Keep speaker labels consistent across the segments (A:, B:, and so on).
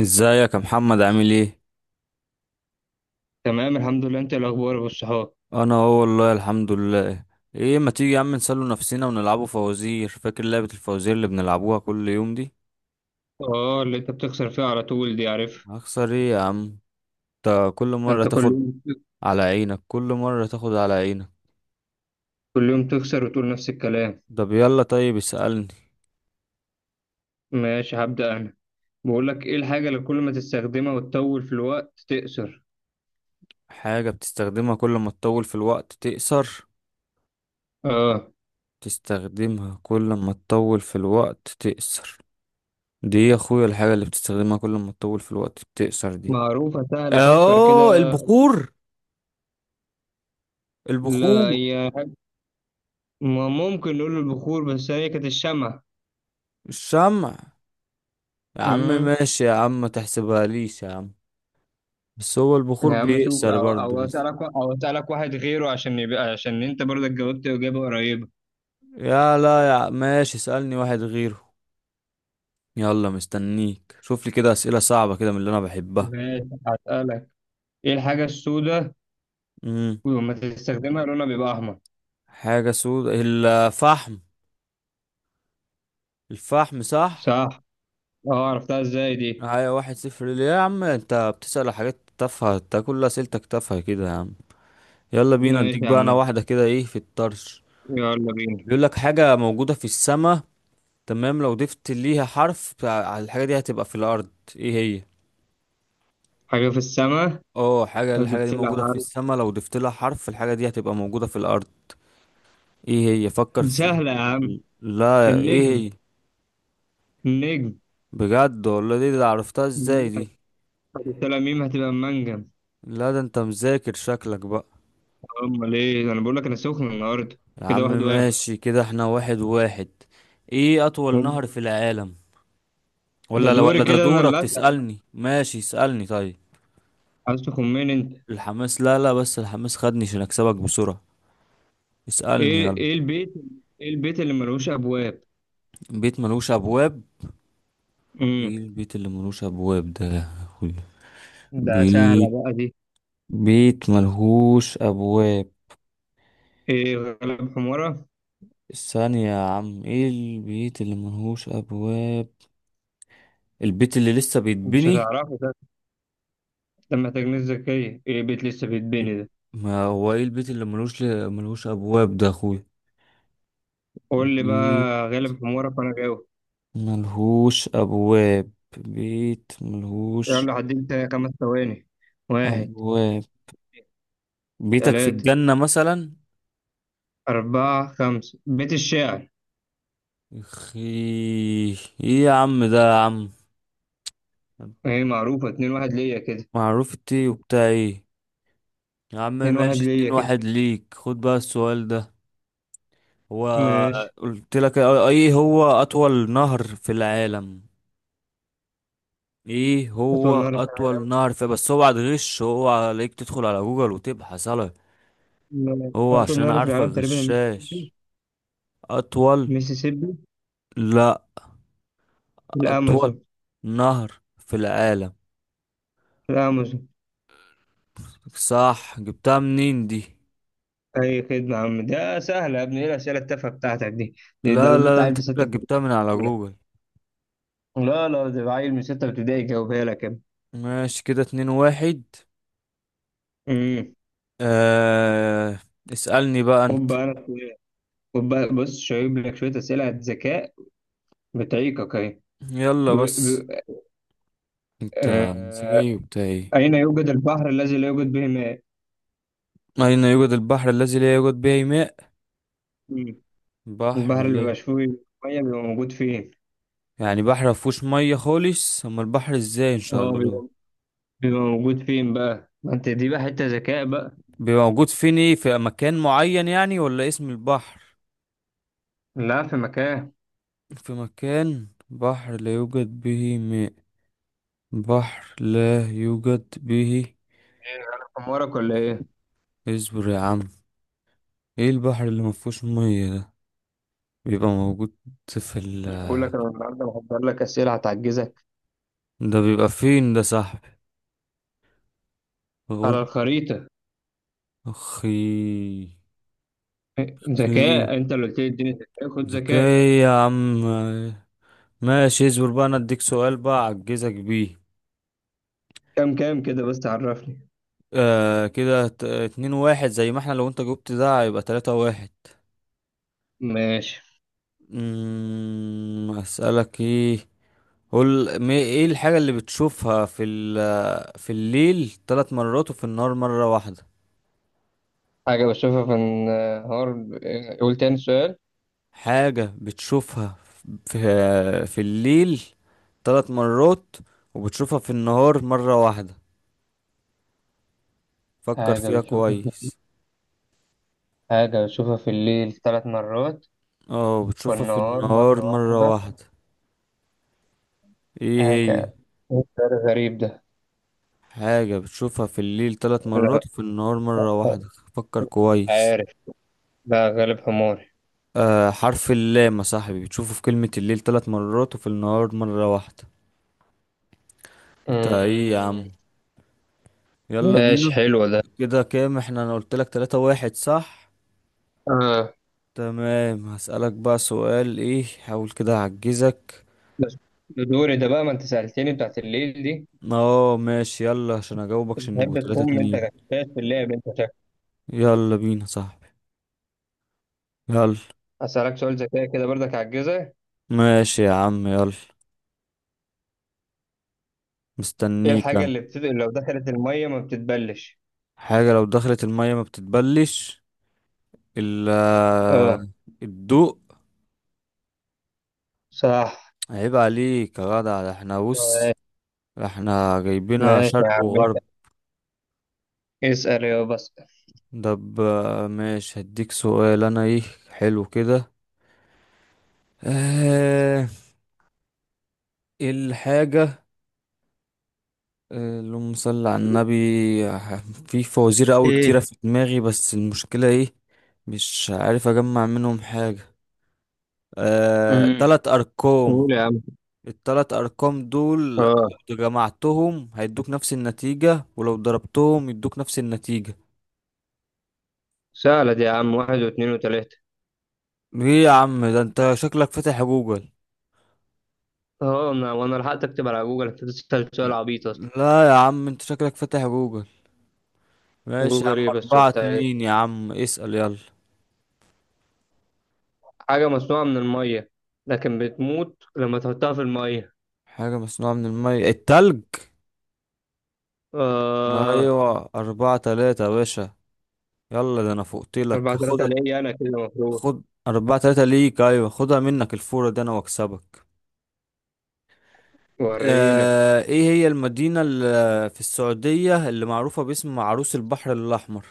A: ازيك يا محمد، عامل ايه؟
B: تمام، الحمد لله. انت إيه الاخبار يا ابو الصحاب؟
A: انا اهو، والله الحمد لله. ايه، ما تيجي يا عم نسلوا نفسنا ونلعبوا فوازير؟ فاكر لعبة الفوازير اللي بنلعبوها كل يوم دي؟
B: اه، اللي انت بتخسر فيها على طول دي، عارف.
A: هخسر ايه يا عم؟ انت كل مرة
B: انت كل
A: تاخد
B: يوم
A: على عينك، كل مرة تاخد على عينك.
B: كل يوم تخسر وتقول نفس الكلام.
A: طب يلا، طيب اسألني.
B: ماشي، هبدأ انا. بقول لك، ايه الحاجة اللي كل ما تستخدمها وتطول في الوقت تقصر؟
A: حاجة بتستخدمها كل ما تطول في الوقت تقصر؟
B: اه،
A: تستخدمها كل ما تطول في الوقت تقصر؟ دي يا اخويا الحاجة اللي بتستخدمها كل ما تطول في الوقت بتقصر دي.
B: معروفة سهلة، افكر
A: اه،
B: كده.
A: البخور.
B: لا،
A: البخور.
B: هي ما ممكن نقول البخور، بس هي كانت الشمع.
A: مش سامع. يا عم
B: امم.
A: ماشي، يا عم ما تحسبها ليش يا عم. بس هو البخور
B: يا عم شوف،
A: بيأثر
B: او
A: برضه
B: او
A: بس.
B: اسالك او اسالك واحد غيره، عشان انت برضك جاوبت اجابة قريبة.
A: يا لا يا عم، ماشي اسألني واحد غيره. يلا مستنيك، شوف لي كده أسئلة صعبة كده من اللي أنا بحبها.
B: ماشي، هسألك. ايه الحاجة السوداء
A: امم.
B: ولما تستخدمها لونها بيبقى أحمر؟
A: حاجة سودة؟ الفحم. الفحم صح.
B: صح. أه، عرفتها إزاي دي؟
A: هيا 1-0، ليه يا عم انت بتسأل حاجات تافهة؟ انت كل أسئلتك تافهة كده يا عم. يلا بينا، اديك
B: ماشي يا
A: بقى
B: عم
A: أنا
B: زيد.
A: واحدة كده. ايه في الطرش؟
B: يلا بينا.
A: بيقول لك حاجة موجودة في السماء. تمام، لو ضفت ليها حرف على الحاجة دي هتبقى في الأرض. ايه هي؟
B: حاجة في السماء؟
A: اه حاجة، الحاجة دي
B: هتبتلع،
A: موجودة في
B: عارف؟
A: السماء، لو ضفت لها حرف الحاجة دي هتبقى موجودة في الأرض. ايه هي؟ فكر فيه.
B: سهلة يا عم.
A: لا، ايه
B: النجم،
A: هي؟
B: النجم.
A: بجد والله، دي عرفتها ازاي دي؟
B: هتبتلع ميم هتبقى منجم.
A: لا، ده انت مذاكر شكلك بقى.
B: أمال إيه؟ أنا بقول لك أنا سخن النهاردة.
A: يا
B: كده
A: عم
B: واحد واحد
A: ماشي، كده احنا 1-1. ايه أطول نهر
B: هوب.
A: في العالم؟
B: ده
A: ولا لا ولا،
B: دوري
A: ده
B: كده، أنا
A: دورك
B: اللي أسأل.
A: تسألني، ماشي اسألني طيب.
B: عايز تخمن أنت؟
A: الحماس، لا لا، بس الحماس خدني عشان أكسبك بسرعة. اسألني
B: إيه
A: يلا.
B: إيه البيت إيه البيت اللي ملوش أبواب؟
A: بيت ملوش أبواب؟
B: امم.
A: ايه البيت اللي ملوش ابواب ده يا اخوي؟
B: ده سهلة
A: بيت
B: بقى دي.
A: بيت ملهوش ابواب.
B: إيه، غلب حمارة.
A: الثانية يا عم، ايه البيت اللي ملهوش ابواب؟ البيت اللي لسه
B: مش
A: بيتبني.
B: هتعرفه. ده محتاج ناس ذكية، ايه بيت لسه بيتبني ده؟
A: ما هو ايه البيت اللي ملهوش ابواب ده يا اخوي؟
B: قول لي بقى.
A: بيت
B: غالب حمارك وانا جاوب.
A: ملهوش ابواب. بيت ملهوش
B: يلا، حددت 5 ثواني. واحد.
A: ابواب. بيتك في
B: ثلاثة،
A: الجنة مثلا.
B: أربعة، خمسة، بيت الشعر.
A: اخي، ايه يا عم ده يا عم.
B: ايه معروفة، 2-1 ليا كده.
A: معروف التي وبتاع ايه. يا عم
B: 2-1
A: ماشي،
B: ليا
A: اتنين
B: كده.
A: واحد ليك، خد بقى السؤال ده. هو.
B: ماشي.
A: قلت لك ايه هو اطول نهر في العالم؟ ايه هو
B: أطول نهر في
A: اطول نهر في، بس اوعى تغش، اوعى عليك تدخل على جوجل وتبحث على.
B: العالم؟
A: هو
B: أطول
A: عشان انا
B: نهر في
A: عارفك
B: العالم تقريبا المسيسيبي.
A: غشاش. اطول.
B: المسيسيبي.
A: لا. اطول
B: الأمازون.
A: نهر في العالم.
B: الأمازون.
A: صح، جبتها منين دي؟
B: أي خدمة يا عم، ده سهل يا ابني، ايه الأسئلة التافهة بتاعتك دي؟ ده
A: لا
B: لو
A: لا
B: جبت
A: لا،
B: عيل
A: انت
B: في ستة
A: شكلك جبتها
B: ابتدائي
A: من
B: كان
A: على
B: بيقولها.
A: جوجل.
B: لا، لا، ده عيل من 6 ابتدائي جاوبها لك يا
A: ماشي كده، 2-1.
B: ابني.
A: آه... اسألني بقى
B: خد
A: انت.
B: بقى انا شويه. خد بقى، بص شايب لك شويه اسئله ذكاء. بتعيقك اهي.
A: يلا
B: بيقول-
A: بس.
B: بيقول-
A: انت
B: آه،
A: ذكي وبتاع ايه؟
B: اين يوجد البحر الذي لا يوجد به ماء؟
A: اين يوجد البحر الذي لا يوجد به ماء؟
B: مم.
A: بحر
B: البحر اللي
A: لا...
B: بيبقى فيه ميه، بيبقى موجود فين؟
A: يعني بحر مفهوش ميه خالص؟ اما البحر ازاي ان شاء
B: اه،
A: الله؟
B: بيبقى موجود فين بقى؟ ما انت دي بقى حته ذكاء بقى.
A: بيبقى موجود فين؟ ايه، في مكان معين يعني ولا اسم البحر؟
B: لا، في مكان.
A: في مكان بحر لا يوجد به ماء. بحر لا يوجد به.
B: ايه انا حمارك ولا ايه؟
A: اصبر يا عم. ايه البحر اللي مفهوش ميه ده؟ بيبقى موجود. في ال...
B: مش بقول لك انا النهارده محضر لك اسئله هتعجزك؟
A: ده بيبقى فين ده صاحبي؟
B: على
A: بقول.
B: الخريطه.
A: اخي. اخي.
B: ذكاء، انت اللي قلت لي اديني ذكاء، خد ذكاء.
A: ذكي. يا عم ماشي، اصبر بقى، انا اديك سؤال بقى اعجزك بيه.
B: كام كده بس عرفني.
A: آه كده، اتنين واحد زي ما احنا، لو انت جبت ده هيبقى 3-1.
B: ماشي.
A: اسألك ايه؟ قول، ايه الحاجة اللي بتشوفها في ال... في الليل تلات مرات وفي النهار مرة واحدة.
B: حاجة بشوفها في النهار؟ قول تاني سؤال.
A: حاجة بتشوفها في في الليل تلات مرات وبتشوفها في النهار مرة واحدة. فكر
B: حاجة
A: فيها
B: بشوفها في
A: كويس.
B: حاجة بشوفها في الليل 3 مرات
A: اه، بتشوفها في
B: والنهار مرة
A: النهار مرة
B: واحدة؟
A: واحدة. ايه هي؟
B: حاجة إيه السؤال الغريب ده؟
A: حاجة بتشوفها في الليل ثلاث
B: لا.
A: مرات وفي النهار مرة واحدة. فكر كويس.
B: عارف. لا، غالب حماري.
A: آه، حرف اللام يا صاحبي، بتشوفه في كلمة الليل ثلاث مرات وفي النهار مرة واحدة. انت ايه يا عم؟
B: أمم.
A: يلا
B: ماشي،
A: بينا.
B: حلو ده.
A: كده كام احنا؟ انا قلت لك 3-1، صح؟
B: آه.
A: تمام، هسألك بقى سؤال ايه، حاول كده اعجزك.
B: بس دوري ده بقى، ما انت سألتني بتاعت الليل دي.
A: اه ماشي يلا، عشان اجاوبك
B: انت
A: عشان نبقوا
B: بتحب
A: تلاتة
B: تخم، انت
A: اتنين
B: غشاش في اللعب، انت شكلك.
A: يلا بينا صاحبي. يلا.
B: هسألك سؤال ذكاء كده برضك هتجهزها.
A: ماشي يا عم يلا.
B: ايه
A: مستنيك
B: الحاجة
A: انا.
B: اللي لو دخلت المية ما بتتبلش؟
A: حاجة لو دخلت المية ما بتتبلش؟
B: اه.
A: الا. الضوء.
B: صح.
A: عيب عليك يا جدع، ده احنا بص، ده احنا جايبينها
B: ماشي يا
A: شرق
B: عم،
A: وغرب.
B: اسأل يا بس.
A: طب ماشي هديك سؤال انا ايه. حلو كده. اه. إيه الحاجة. اللهم صل على النبي. آه، في فوازير قوي كتيرة
B: ايه؟
A: في دماغي، بس المشكلة ايه. مش عارف اجمع منهم حاجة.
B: امم.
A: تلات ارقام.
B: قول يا عم.
A: التلات أرقام دول
B: اه.
A: لو جمعتهم هيدوك نفس النتيجة، ولو ضربتهم يدوك نفس النتيجة.
B: سهلة دي يا عم، واحد واثنين وثلاثة.
A: ايه يا عم ده، انت شكلك فاتح جوجل.
B: اه، وانا لحقت اكتب على جوجل، انت بتسأل سؤال عبيط اصلا.
A: لا يا عم، انت شكلك فاتح جوجل. ماشي يا
B: جوجل
A: عم،
B: ايه بس
A: أربعة
B: وبتاع إيه؟
A: اتنين يا عم، اسأل يلا.
B: حاجة مصنوعة من المية لكن بتموت لما تحطها في المية.
A: حاجة مصنوعة من المية؟ التلج.
B: اه.
A: أيوة، 4-3 يا باشا. يلا، ده أنا فوقتلك،
B: أربعة
A: خد.
B: ثلاثة ليا أنا كده المفروض.
A: خد. 4-3 ليك، أيوة خدها منك الفورة دي أنا وأكسبك.
B: ورينا.
A: ايه هي المدينة اللي في السعودية اللي معروفة باسم عروس البحر الأحمر؟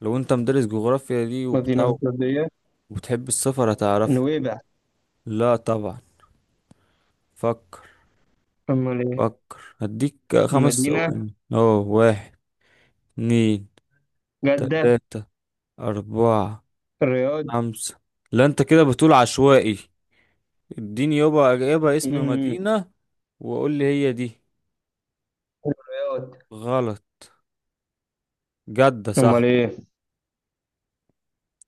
A: لو انت مدرس جغرافيا دي
B: مدينة
A: وبتاع
B: في السعودية؟
A: وبتحب السفر هتعرفها.
B: نويبع.
A: لا طبعا. فكر.
B: أمال إيه؟
A: فكر، هديك خمس
B: مدينة.
A: ثواني اه واحد. اتنين.
B: جدة.
A: تلاتة. أربعة.
B: الرياض.
A: خمسة. لا انت كده بتقول عشوائي. اديني يابا يابا اسم
B: مم.
A: مدينة وقول لي هي دي.
B: الرياض.
A: غلط. جدة صح.
B: أمال إيه؟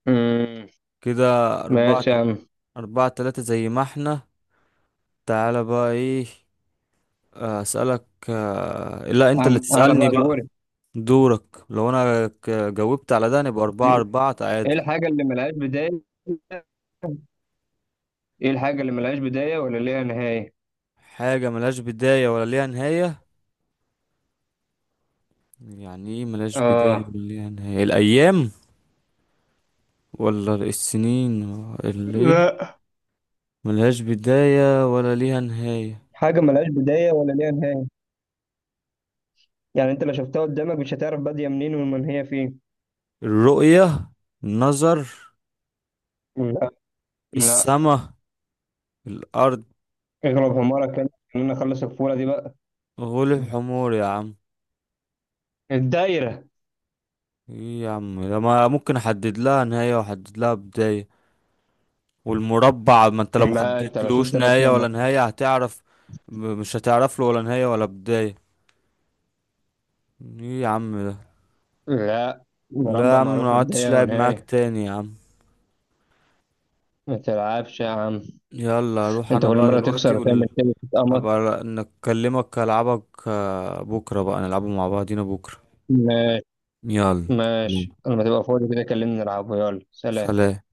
B: مم.
A: كده أربعة.
B: ماشي يا عم.
A: أربعة تلاتة زي ما احنا. تعالى بقى ايه. اسألك، لا، انت اللي
B: أنا
A: تسألني
B: بقى
A: بقى.
B: دوري.
A: دورك، لو انا جاوبت على ده نبقى 4-4
B: ايه
A: تعادل.
B: الحاجه اللي ملهاش بدايه ايه الحاجه اللي ملهاش بدايه ولا ليها نهايه؟
A: حاجة ملهاش بداية ولا ليها نهاية؟ يعني ايه ملهاش بداية
B: اه.
A: ولا ليها نهاية؟ الأيام؟ ولا السنين؟ الليل؟
B: لا.
A: ملهاش بداية ولا ليها نهاية.
B: حاجه ملهاش بدايه ولا ليها نهايه، يعني انت لو شفتها قدامك مش هتعرف باديه منين ومن هي فين.
A: الرؤية؟ النظر؟
B: لا. لا.
A: السما؟ الأرض؟
B: اغلب حمارك كده، خلينا نخلص الفوره دي بقى.
A: غلب حمور يا عم.
B: الدايره.
A: ايه يا عم ده، ما ممكن احدد لها نهاية واحدد لها بداية، والمربع، ما انت لو ما
B: لا، انت لو
A: حطيتلوش
B: شفت رسمه
A: نهاية ولا نهاية هتعرف. مش هتعرف له ولا نهاية ولا بداية. ايه يا عم ده.
B: لا،
A: لا يا
B: مربع
A: عم،
B: معروف
A: ما
B: له
A: عدتش
B: بدايه
A: لاعب معاك
B: ونهايه.
A: تاني يا عم.
B: ما تلعبش يا عم.
A: يلا اروح
B: انت
A: انا
B: كل
A: بقى
B: مره
A: دلوقتي
B: تخسر وتعمل
A: ونل...
B: كده تتقمص.
A: هبقى نكلمك، العبك بكرة بقى، نلعبه مع بعضينا بكرة.
B: ماشي.
A: يلا
B: ماشي، لما تبقى فاضي كده كلمني نلعبه، يلا سلام.
A: سلام.